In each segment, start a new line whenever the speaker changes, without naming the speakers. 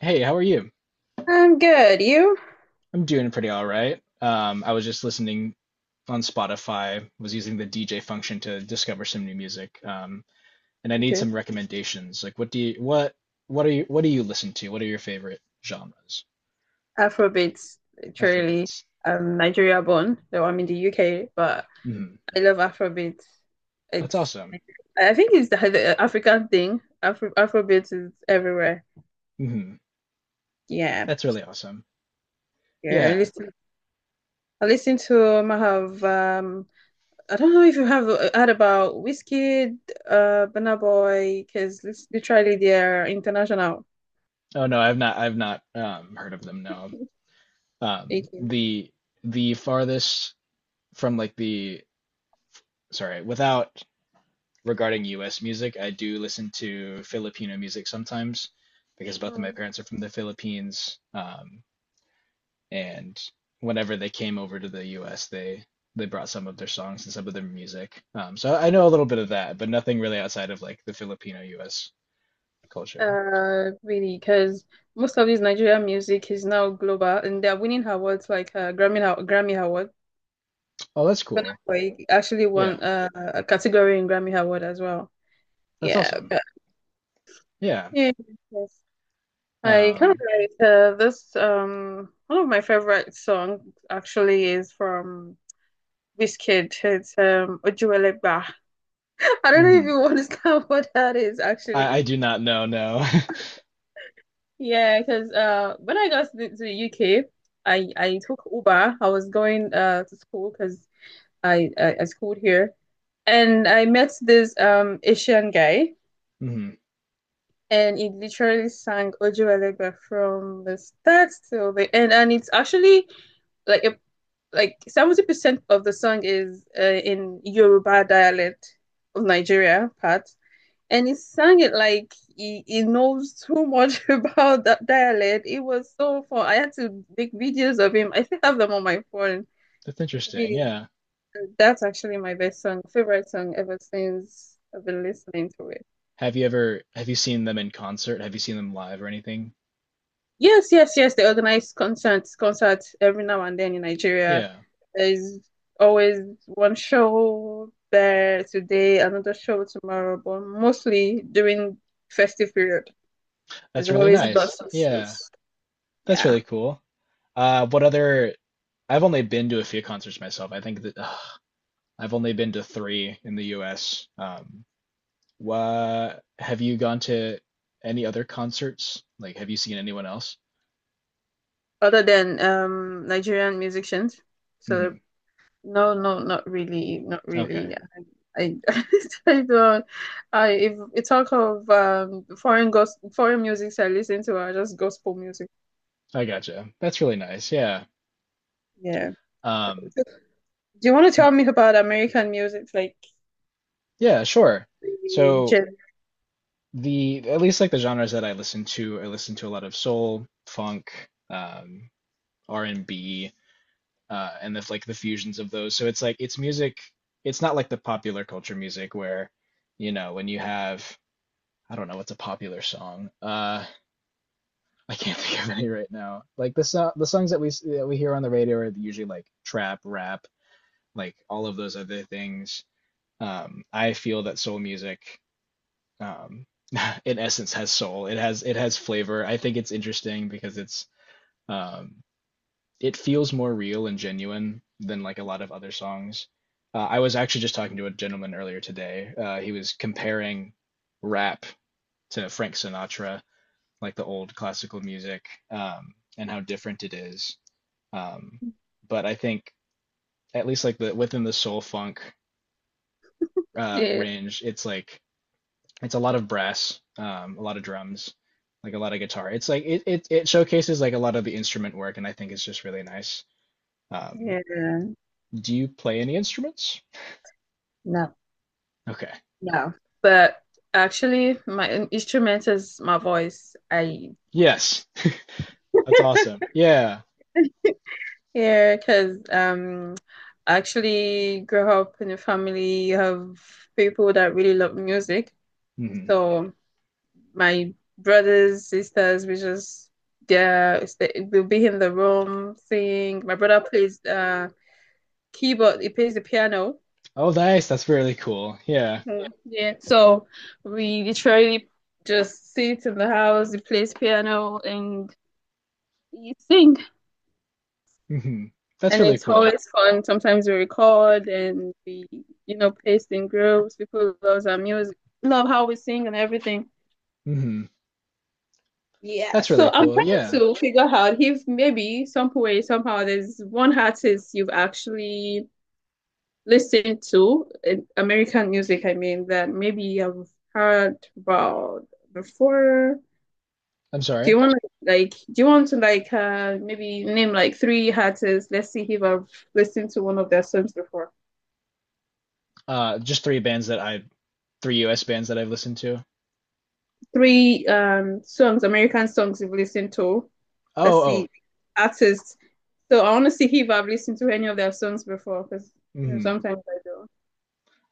Hey, how are you?
I'm good. You?
I'm doing pretty all right. I was just listening on Spotify, was using the DJ function to discover some new music. And I need
Okay.
some recommendations. Like what do you listen to? What are your favorite genres?
Afrobeats, literally.
Afrobeats.
I'm Nigeria born, though I'm in the UK, but
Mm-hmm.
I love Afrobeats.
That's
It's,
awesome.
I think it's the African thing. Afrobeats is everywhere.
Mm-hmm.
Yeah.
That's really awesome.
Yeah. I
Yeah.
listen, I listen to, I don't know if you have heard about Wizkid, Burna Boy, because literally they're international.
Oh no, I've not heard of them, no. Um
Okay.
the the farthest from like the sorry, without regarding US music, I do listen to Filipino music sometimes because both of my parents are from the Philippines. And whenever they came over to the US, they brought some of their songs and some of their music. So I know a little bit of that, but nothing really outside of like the Filipino US culture.
Really, because most of these Nigerian music is now global, and they are winning awards like Grammy Award.
Oh, that's
Burna
cool.
Boy actually
Yeah,
won a category in Grammy Award as well.
that's
Yeah,
awesome.
but
Yeah.
yeah, yes. I kind of
Um,
like this. One of my favorite songs actually is from Wizkid. It's Ojuelegba. I don't know if
mhm.
you understand what that is
I
actually.
I do not know, no.
Yeah, because when I got to the UK, I took Uber. I was going to school because I schooled here, and I met this Asian guy,
Hmm.
and he literally sang Ojo Alegba from the start till the end, and it's actually like a like 70% of the song is in Yoruba dialect of Nigeria part, and he sang it like he knows too much about that dialect. It was so fun. I had to make videos of him. I still have them on my phone.
That's interesting.
Really,
Yeah.
that's actually my best song, favorite song ever since I've been listening to it.
Have you seen them in concert? Have you seen them live or anything?
Yes, yes, yes. They organize concerts every now and then in Nigeria.
Yeah.
There's always one show there today, another show tomorrow, but mostly during festive period. There's
That's really
always
nice.
lots of
Yeah,
shows.
that's
Yeah.
really cool. What other? I've only been to a few concerts myself. I think I've only been to three in the US. What have you gone to any other concerts? Like, have you seen anyone else?
Other than Nigerian musicians. So
Mhm.
no, no, not really, not
Okay,
really. I I, I don't I if you talk of foreign gos foreign music I listen to are just gospel music.
I gotcha. That's really nice. Yeah.
Yeah. So,
Um,
so do you want to tell me about American music.
yeah, sure.
The
So
gen-
the at least like the genres that I listen to a lot of soul, funk, um, R&B, and that's like the fusions of those. So it's like it's music. It's not like the popular culture music where, when you have I don't know what's a popular song. I can't think of any right now. Like the songs that we hear on the radio are usually like trap, rap, like all of those other things. I feel that soul music, um, in essence, has soul. It has flavor. I think it's interesting because um, it feels more real and genuine than like a lot of other songs. I was actually just talking to a gentleman earlier today. He was comparing rap to Frank Sinatra, like the old classical music, and how different it is. Um, but I think at least like the within the soul funk,
yeah,
range, it's like it's a lot of brass, a lot of drums, like a lot of guitar. It's like it showcases like a lot of the instrument work, and I think it's just really nice. Um,
yeah.
do you play any instruments?
No,
Okay.
no. But actually my instrument is my voice. I
Yes. That's awesome. Yeah.
Yeah, because I actually grew up in a family of people that really love music.
Hmm.
So my brothers, sisters, we just yeah, st- we'll be in the room sing. My brother plays keyboard. He plays the piano.
Oh, nice. That's really cool. Yeah.
Mm, yeah, so we literally just sit in the house. He plays piano and he sing.
Hmm. That's
And
really
it's
cool.
always fun. Sometimes we record and we paste in groups. People love our music, love how we sing and everything.
Hmm.
Yeah.
That's
So
really
I'm
cool.
trying
Yeah.
to figure out if maybe some way, somehow, there's one artist you've actually listened to, American music, I mean, that maybe you've heard about before.
I'm
Do
sorry.
you want to like, maybe name like three artists? Let's see if I've listened to one of their songs before.
Just three US bands that I've listened to.
Three songs, American songs you've listened to. Let's
Oh, oh.
see, artists. So I want to see if I've listened to any of their songs before, because
Hmm.
sometimes I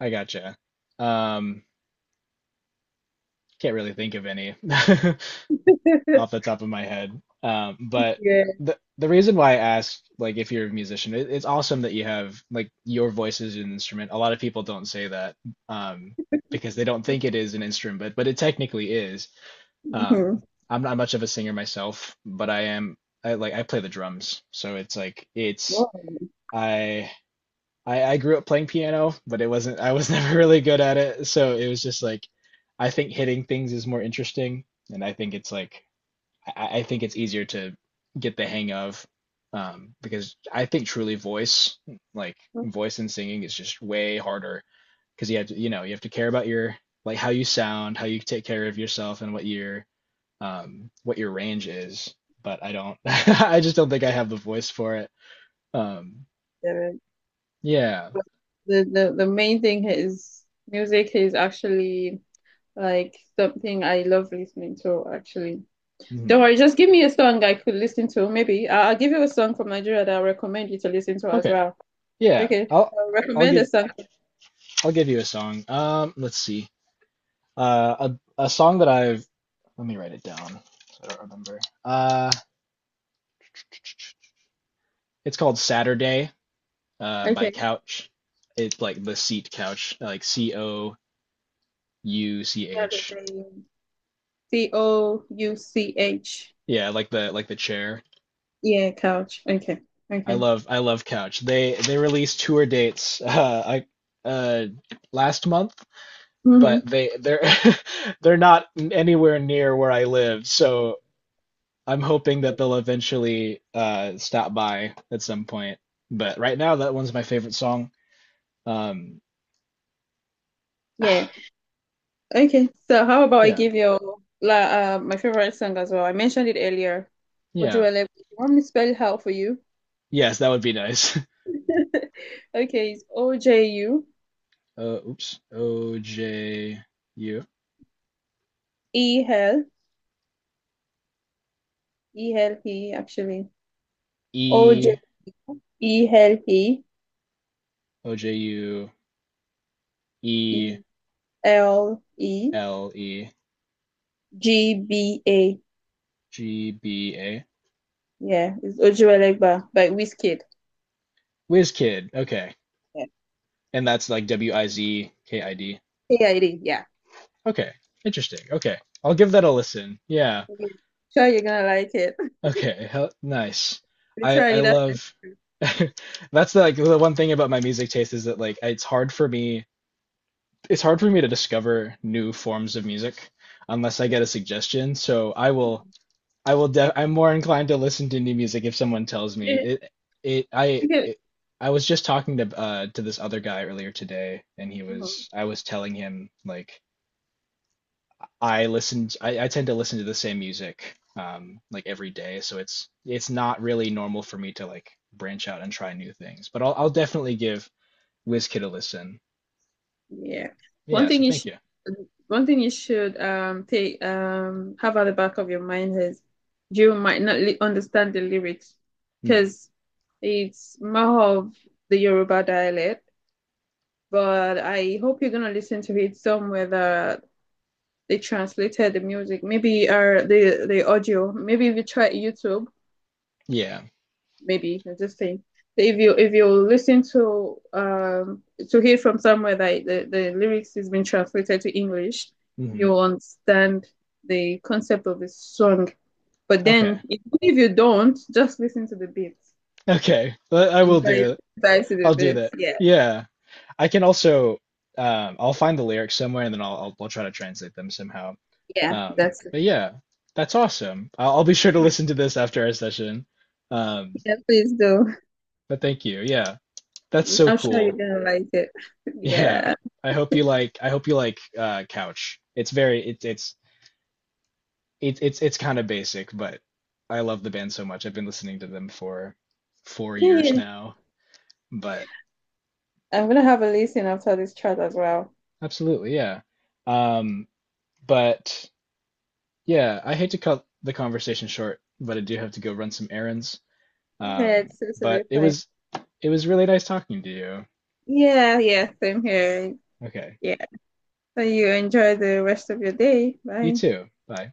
I gotcha. Um, can't really think of any
do.
off the top of my head. But
Yeah.
the reason why I asked, like, if you're a musician, it's awesome that you have like your voice is an instrument. A lot of people don't say that um, because they don't think it is an instrument, but it technically is. Um,
Mhm.
I'm not much of a singer myself, but I am. I play the drums, so it's like it's
Wow.
I. I grew up playing piano, but it wasn't, I was never really good at it. So it was just like, I think hitting things is more interesting. And I think it's like, I think it's easier to get the hang of, because I think truly voice, like voice and singing, is just way harder because you have to care about your like how you sound, how you take care of yourself, and what your range is. But I don't, I just don't think I have the voice for it. Um,
Yeah.
yeah.
But the main thing is music is actually like something I love listening to. Actually, don't
Hmm.
worry, just give me a song I could listen to. Maybe I'll give you a song from Nigeria that I recommend you to listen to as
Okay.
well.
Yeah.
Okay, I'll
I'll
recommend a
give
song.
I'll give you a song. Let's see. Uh, a song that I've let me write it down. So I don't remember. Uh, It's called Saturday, by
Okay.
Couch. It's like the seat couch, like C O U C
Couch.
H.
C O U C H.
Yeah, like the chair.
Yeah, couch. Okay.
I
Okay.
love I love Couch. They released tour dates uh, last month,
Hmm.
but they're they're not anywhere near where I live. So I'm hoping that they'll eventually, stop by at some point. But right now, that one's my favorite song. Um,
Yeah. Okay. So how about I
yeah,
give you like my favorite song as well? I mentioned it earlier.
yeah,
Ojuele. You want me to spell it out for you?
yes, that would be nice.
Okay, it's O J U
Oops. U
E L E L E actually. O J
E
U E L E
O J U E
E L E
L E
G B A.
G B A.
Yeah, it's Ojuelegba by Wizkid.
WizKid. Okay.
Yeah.
And that's like Wizkid.
K I D. Yeah.
Okay. Interesting. Okay. I'll give that a listen. Yeah.
Yeah. Sure, you're gonna like it.
Okay. Hell, nice.
We
I
try
I
it after.
love that's like the one thing about my music taste is that like it's hard for me to discover new forms of music unless I get a suggestion. So I will def I'm more inclined to listen to new music if someone tells me.
Yeah.
It I
Okay.
it, I was just talking to this other guy earlier today and he
Oh,
was I was telling him like I tend to listen to the same music like every day so it's not really normal for me to like branch out and try new things but I'll definitely give WizKid a listen.
yeah.
Yeah,
One
so
thing you
thank
should,
you.
one thing you should take have at the back of your mind is you might not li understand the lyrics
Mhm.
because it's more of the Yoruba dialect, but I hope you're gonna listen to it somewhere that they translated the music. Maybe or the audio. Maybe if you try YouTube.
Yeah.
Maybe I am just saying. If you listen to hear from somewhere that the lyrics is been translated to English,
Hmm.
you understand the concept of the song. But
Okay.
then if you don't, just listen to the beats
Okay. I will
and try
do it.
try to
I'll
the
do
beats.
that.
Yeah,
Yeah. I can also, I'll find the lyrics somewhere and then I'll try to translate them somehow.
yeah,
Um
that's it.
but yeah, that's awesome. I'll be sure to listen to this after our session. Um
Yeah, please do.
but thank you. Yeah. That's so
I'm sure you're
cool.
gonna like it.
Yeah.
Yeah.
I hope you like I hope you like Couch. It's very, it's kind of basic, but I love the band so much. I've been listening to them for four
Yeah,
years
yeah.
now. But
I'm gonna have a listen after this chat as well.
absolutely, yeah. Um but Yeah, I hate to cut the conversation short, but I do have to go run some errands.
Yeah,
Um,
it's totally
but it
fine.
was it was really nice talking to you.
Yeah, yeah, same here.
Okay.
So you enjoy the rest of your day.
You
Bye.
too. Bye.